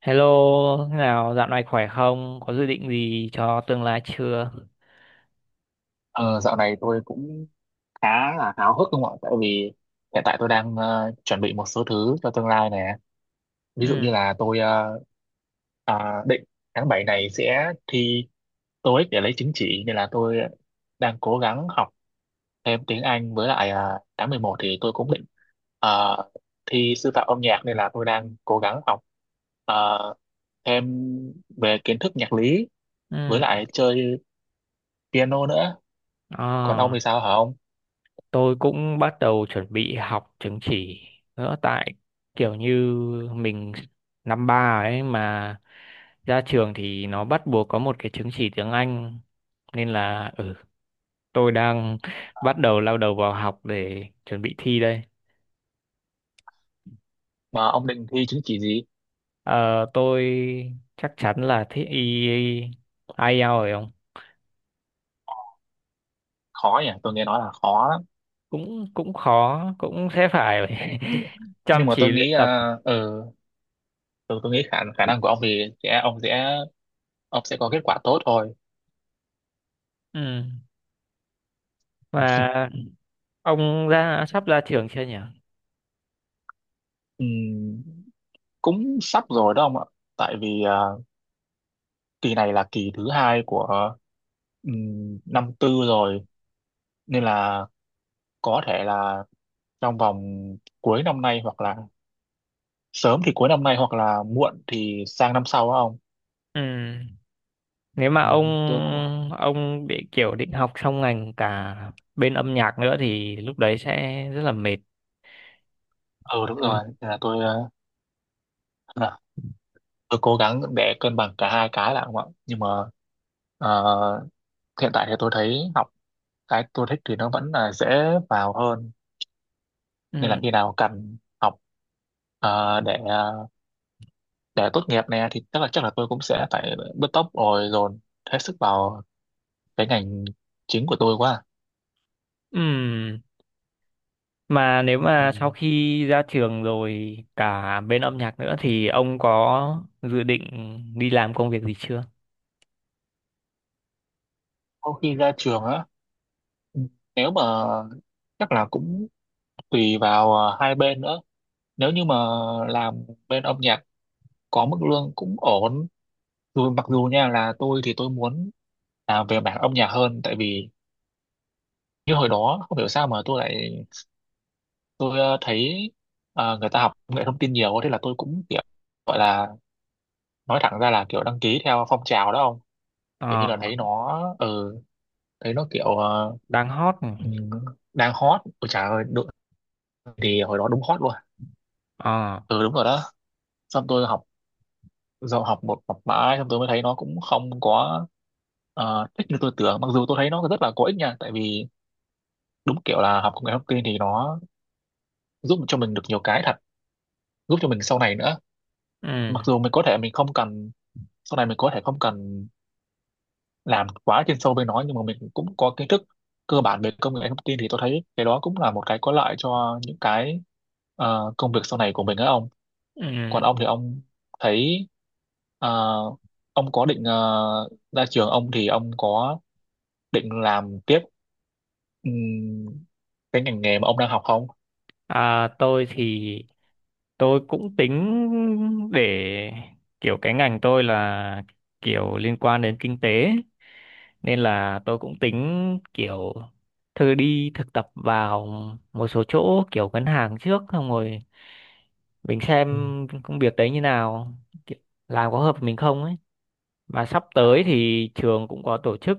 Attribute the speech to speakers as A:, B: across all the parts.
A: Hello, thế nào? Dạo này khỏe không? Có dự định gì cho tương lai chưa?
B: Ờ, dạo này tôi cũng khá là háo hức không ạ? Tại vì hiện tại tôi đang chuẩn bị một số thứ cho tương lai nè. Ví dụ
A: Ừ,
B: như là tôi định tháng 7 này sẽ thi TOEIC để lấy chứng chỉ, nên là tôi đang cố gắng học thêm tiếng Anh. Với lại tháng 11 thì tôi cũng định ờ, thi sư phạm âm nhạc, nên là tôi đang cố gắng học ờ, thêm về kiến thức nhạc lý với
A: ừ.
B: lại chơi piano nữa. Còn ông
A: À,
B: thì sao hả ông?
A: tôi cũng bắt đầu chuẩn bị học chứng chỉ nữa tại kiểu như mình năm ba ấy mà ra trường thì nó bắt buộc có một cái chứng chỉ tiếng Anh nên là tôi đang bắt đầu lao đầu vào học để chuẩn bị thi đây.
B: Mà ông định thi chứng chỉ gì?
A: Ờ, tôi chắc chắn là thi IELTS rồi không?
B: Khó nhỉ, tôi nghe nói là khó lắm,
A: Cũng cũng khó, cũng sẽ phải chăm
B: nhưng mà tôi
A: chỉ luyện
B: nghĩ
A: tập.
B: tôi nghĩ khả khả năng của ông thì sẽ ông sẽ ông sẽ có kết quả tốt thôi.
A: Ừ. Mà ông ra sắp ra trường chưa nhỉ?
B: Ừm, cũng sắp rồi đó ông ạ, tại vì kỳ này là kỳ thứ hai của năm tư rồi, nên là có thể là trong vòng cuối năm nay, hoặc là sớm thì cuối năm nay hoặc là muộn thì sang năm sau đó ông.
A: Ừ. Nếu mà
B: Tôi cũng
A: ông bị kiểu định học xong ngành cả bên âm nhạc nữa thì lúc đấy sẽ rất là mệt.
B: ừ đúng
A: Ừ.
B: rồi. Nên là tôi ờ, tôi cố gắng để cân bằng cả hai cái là không ạ, nhưng mà ờ, hiện tại thì tôi thấy học cái tôi thích thì nó vẫn là dễ vào hơn,
A: Ừ.
B: nên là khi nào cần học ờ, để ờ, để tốt nghiệp này thì chắc là tôi cũng sẽ phải bứt tốc rồi dồn hết sức vào cái ngành chính của tôi quá.
A: Ừ. Mà nếu
B: Ừ,
A: mà sau khi ra trường rồi cả bên âm nhạc nữa thì ông có dự định đi làm công việc gì chưa?
B: sau khi ra trường á, ừ, nếu mà chắc là cũng tùy vào hai bên nữa. Nếu như mà làm bên âm nhạc có mức lương cũng ổn, dù mặc dù nha là tôi thì tôi muốn làm về mảng âm nhạc hơn. Tại vì như hồi đó không hiểu sao mà tôi thấy người ta học công nghệ thông tin nhiều, thế là tôi cũng kiểu gọi là nói thẳng ra là kiểu đăng ký theo phong trào đó không. Kiểu như
A: Ờ,
B: là thấy nó ừ thấy nó kiểu
A: đang hot.
B: ừm, đang hot. Ôi trời ơi đúng, thì hồi đó đúng hot luôn.
A: Ờ,
B: Ừ đúng rồi đó, xong tôi học rồi học mãi, xong tôi mới thấy nó cũng không có thích như tôi tưởng. Mặc dù tôi thấy nó rất là có ích nha, tại vì đúng kiểu là học công nghệ thông tin thì nó giúp cho mình được nhiều cái thật, giúp cho mình sau này nữa.
A: ừ.
B: Mặc dù mình có thể mình không cần, sau này mình có thể không cần làm quá chuyên sâu bên nó, nhưng mà mình cũng có kiến thức cơ bản về công nghệ thông tin, thì tôi thấy cái đó cũng là một cái có lợi cho những cái công việc sau này của mình á ông.
A: Ừ.
B: Còn ông thì ông thấy ờ, ông có định ra trường ông thì ông có định làm tiếp ừm, cái ngành nghề mà ông đang học không
A: À, tôi thì tôi cũng tính để kiểu cái ngành tôi là kiểu liên quan đến kinh tế nên là tôi cũng tính kiểu thử đi thực tập vào một số chỗ kiểu ngân hàng trước, xong rồi mình xem
B: Ừ.
A: công việc đấy như nào, kiểu làm có hợp với mình không ấy. Và sắp tới thì trường cũng có tổ chức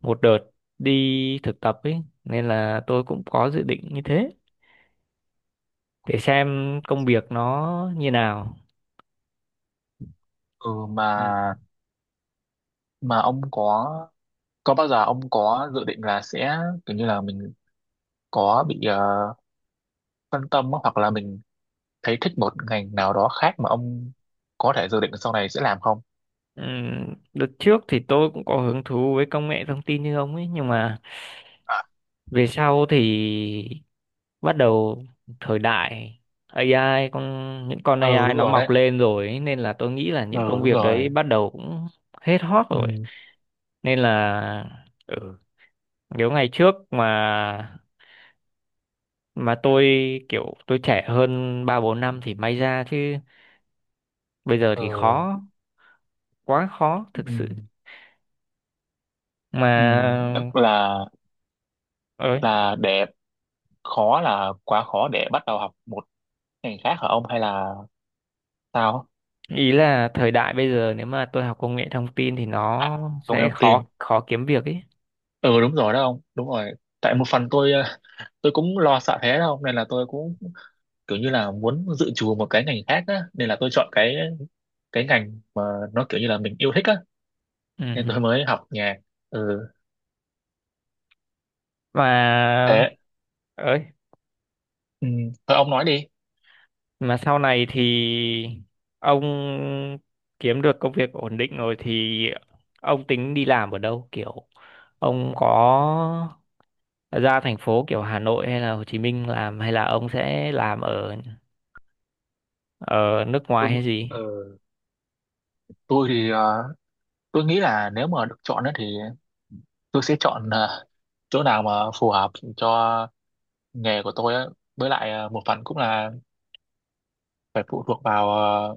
A: một đợt đi thực tập ấy, nên là tôi cũng có dự định như thế để xem công việc nó như nào.
B: ừ
A: Ừ.
B: mà ông có bao giờ ông có dự định là sẽ kiểu như là mình có bị ờ, phân tâm á, hoặc là mình thấy thích một ngành nào đó khác mà ông có thể dự định sau này sẽ làm không?
A: Đợt trước thì tôi cũng có hứng thú với công nghệ thông tin như ông ấy, nhưng mà
B: À,
A: về sau thì bắt đầu thời đại AI, con những con
B: ừ
A: AI
B: đúng
A: nó
B: rồi
A: mọc
B: đấy.
A: lên rồi ấy, nên là tôi nghĩ là những
B: Ừ
A: công
B: đúng
A: việc
B: rồi.
A: đấy bắt đầu cũng hết hot rồi.
B: Ừ
A: Nên là ừ, nếu ngày trước mà tôi kiểu tôi trẻ hơn 3 4 năm thì may ra, chứ bây giờ thì
B: ừ
A: khó, quá khó thực
B: ừ,
A: sự. Mà
B: ừ. Tức
A: ơi,
B: là để khó là quá khó để bắt đầu học một ngành khác hả ông hay là sao?
A: ý là thời đại bây giờ nếu mà tôi học công nghệ thông tin thì
B: À,
A: nó
B: không
A: sẽ
B: em
A: khó,
B: tin.
A: khó kiếm việc ấy.
B: Ừ đúng rồi đó ông. Đúng rồi. Tại một phần tôi tôi cũng lo sợ thế đâu, nên là tôi cũng kiểu như là muốn dự trù một cái ngành khác á, nên là tôi chọn cái ngành mà nó kiểu như là mình yêu thích á, nên
A: Ừ.
B: tôi mới học nhạc. Ừ
A: Mà
B: thế
A: ơi,
B: ừ. Thôi ông nói đi.
A: mà sau này thì ông kiếm được công việc ổn định rồi thì ông tính đi làm ở đâu? Kiểu ông có ra thành phố kiểu Hà Nội hay là Hồ Chí Minh làm, hay là ông sẽ làm ở ở nước ngoài
B: tôi,
A: hay gì?
B: ờ, tôi thì tôi nghĩ là nếu mà được chọn á thì tôi sẽ chọn chỗ nào mà phù hợp cho nghề của tôi á, với lại một phần cũng là phải phụ thuộc vào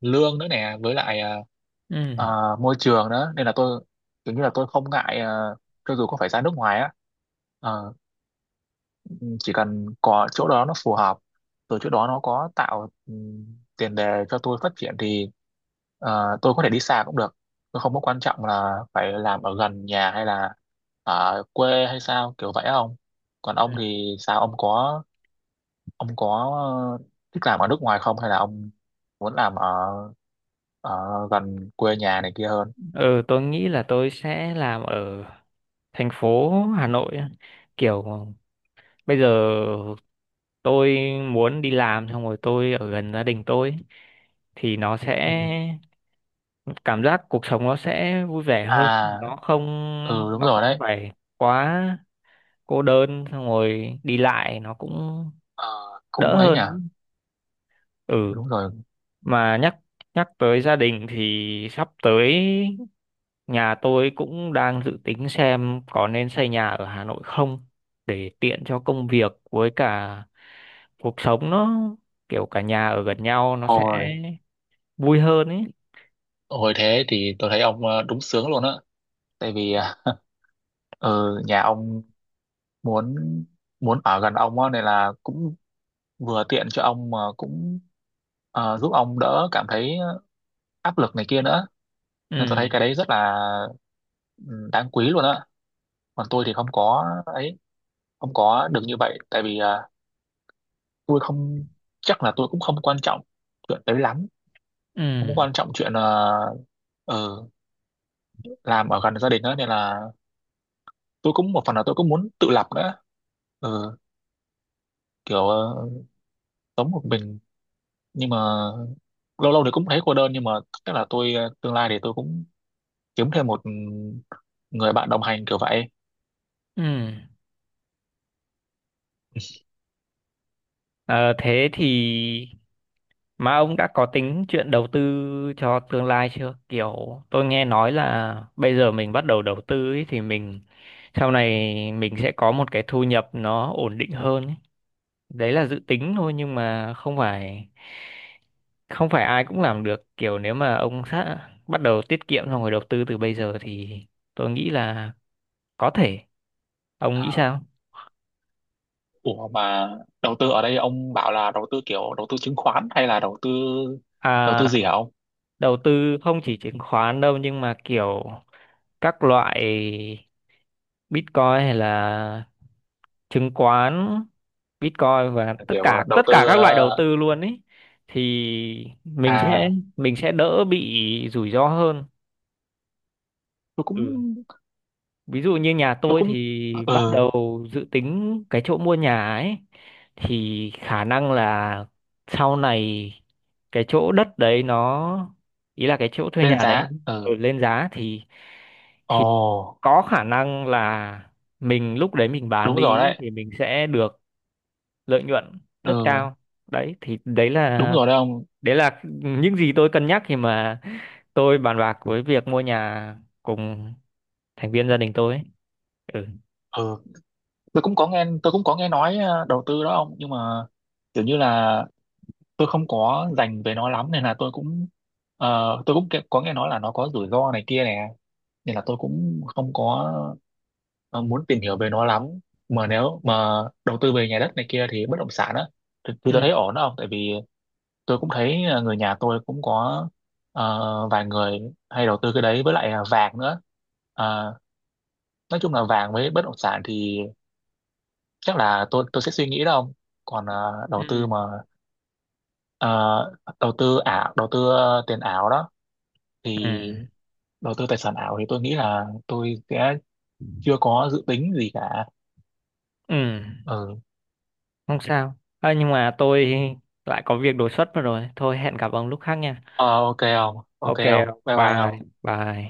B: lương nữa nè, với lại
A: Ừ.
B: môi trường nữa, nên là tôi kiểu như là tôi không ngại cho dù có phải ra nước ngoài á. Ờ, chỉ cần có chỗ đó nó phù hợp rồi chỗ đó nó có tạo tiền đề cho tôi phát triển thì tôi có thể đi xa cũng được. Tôi không có quan trọng là phải làm ở gần nhà hay là ở quê hay sao kiểu vậy không. Còn ông thì sao, ông có ờ, thích làm ở nước ngoài không, hay là ông muốn làm ở ở gần quê nhà này kia hơn?
A: Ừ, tôi nghĩ là tôi sẽ làm ở thành phố Hà Nội á, kiểu bây giờ tôi muốn đi làm xong rồi tôi ở gần gia đình tôi thì nó sẽ
B: Ừ.
A: cảm giác cuộc sống nó sẽ vui vẻ hơn,
B: À
A: nó không
B: ừ đúng
A: nó
B: rồi
A: không
B: đấy.
A: phải quá cô đơn, xong rồi đi lại nó cũng
B: Ờ, cũng
A: đỡ
B: ấy nhỉ
A: hơn. Ừ,
B: đúng rồi.
A: mà nhắc nhắc tới gia đình thì sắp tới nhà tôi cũng đang dự tính xem có nên xây nhà ở Hà Nội không, để tiện cho công việc với cả cuộc sống nó kiểu cả nhà ở gần nhau nó sẽ
B: Ồ,
A: vui hơn ấy.
B: hồi thế thì tôi thấy ông đúng sướng luôn á. Tại vì nhà ông muốn muốn ở gần ông á, nên là cũng vừa tiện cho ông mà cũng giúp ông đỡ cảm thấy áp lực này kia nữa, nên tôi thấy
A: Ừ,
B: cái đấy rất là ừ, đáng quý luôn á. Còn tôi thì không có ấy, không có được như vậy. Tại vì tôi không chắc là tôi cũng không quan trọng chuyện đấy lắm,
A: ừ,
B: không quan trọng chuyện ờ, làm ở gần gia đình á, nên là tôi cũng một phần là tôi cũng muốn tự lập nữa. Ừ, kiểu sống một mình, nhưng mà lâu lâu thì cũng thấy cô đơn, nhưng mà chắc là tôi tương lai thì tôi cũng kiếm thêm một người bạn đồng hành kiểu vậy.
A: ừ. Ờ, thế thì mà ông đã có tính chuyện đầu tư cho tương lai chưa? Kiểu tôi nghe nói là bây giờ mình bắt đầu đầu tư ấy, thì mình sau này mình sẽ có một cái thu nhập nó ổn định hơn ấy. Đấy là dự tính thôi nhưng mà không phải không phải ai cũng làm được. Kiểu nếu mà ông sát bắt đầu tiết kiệm xong rồi đầu tư từ bây giờ thì tôi nghĩ là có thể. Ông nghĩ sao?
B: Ủa mà đầu tư ở đây ông bảo là đầu tư kiểu đầu tư chứng khoán hay là đầu tư
A: À,
B: gì hả ông?
A: đầu tư không chỉ chứng khoán đâu nhưng mà kiểu các loại Bitcoin hay là chứng khoán, Bitcoin và tất
B: Kiểu
A: cả
B: đầu
A: tất cả
B: tư
A: các loại đầu tư luôn ấy, thì
B: à
A: mình sẽ đỡ bị rủi ro hơn.
B: tôi cũng
A: Ừ. Ví dụ như nhà
B: tôi
A: tôi
B: cũng
A: thì
B: ừ
A: bắt đầu dự tính cái chỗ mua nhà ấy, thì khả năng là sau này cái chỗ đất đấy nó, ý là cái chỗ thuê
B: lên
A: nhà đấy
B: giá
A: ở
B: ừ
A: lên giá
B: ồ
A: thì có khả năng là mình lúc đấy mình bán
B: đúng
A: đi
B: rồi
A: ý,
B: đấy
A: thì mình sẽ được lợi nhuận
B: ừ
A: rất cao, đấy thì
B: đúng rồi đấy ông
A: đấy là những gì tôi cân nhắc khi mà tôi bàn bạc với việc mua nhà cùng thành viên gia đình tôi ấy. ừ
B: ừ tôi cũng có nghe nói đầu tư đó ông, nhưng mà kiểu như là tôi không có dành về nó lắm, nên là tôi cũng tôi cũng có nghe nói là nó có rủi ro này kia nè, nên là tôi cũng không có muốn tìm hiểu về nó lắm. Mà nếu mà đầu tư về nhà đất này kia thì bất động sản á, thì tôi
A: ừ
B: thấy ổn đó ông. Tại vì tôi cũng thấy người nhà tôi cũng có vài người hay đầu tư cái đấy với lại là vàng nữa. Ờ, nói chung là vàng với bất động sản thì chắc là tôi sẽ suy nghĩ đâu ông. Còn đầu
A: ừ
B: tư mà ờ, đầu tư ảo đầu tư tiền ảo đó thì
A: ừ
B: đầu tư tài sản ảo thì tôi nghĩ là tôi sẽ chưa có dự tính gì cả.
A: ừ
B: Ừ.
A: không sao à, nhưng mà tôi lại có việc đột xuất mất rồi, thôi hẹn gặp ông lúc khác nha.
B: Ờ, ok
A: Ok,
B: không bye bye
A: bye
B: không.
A: bye.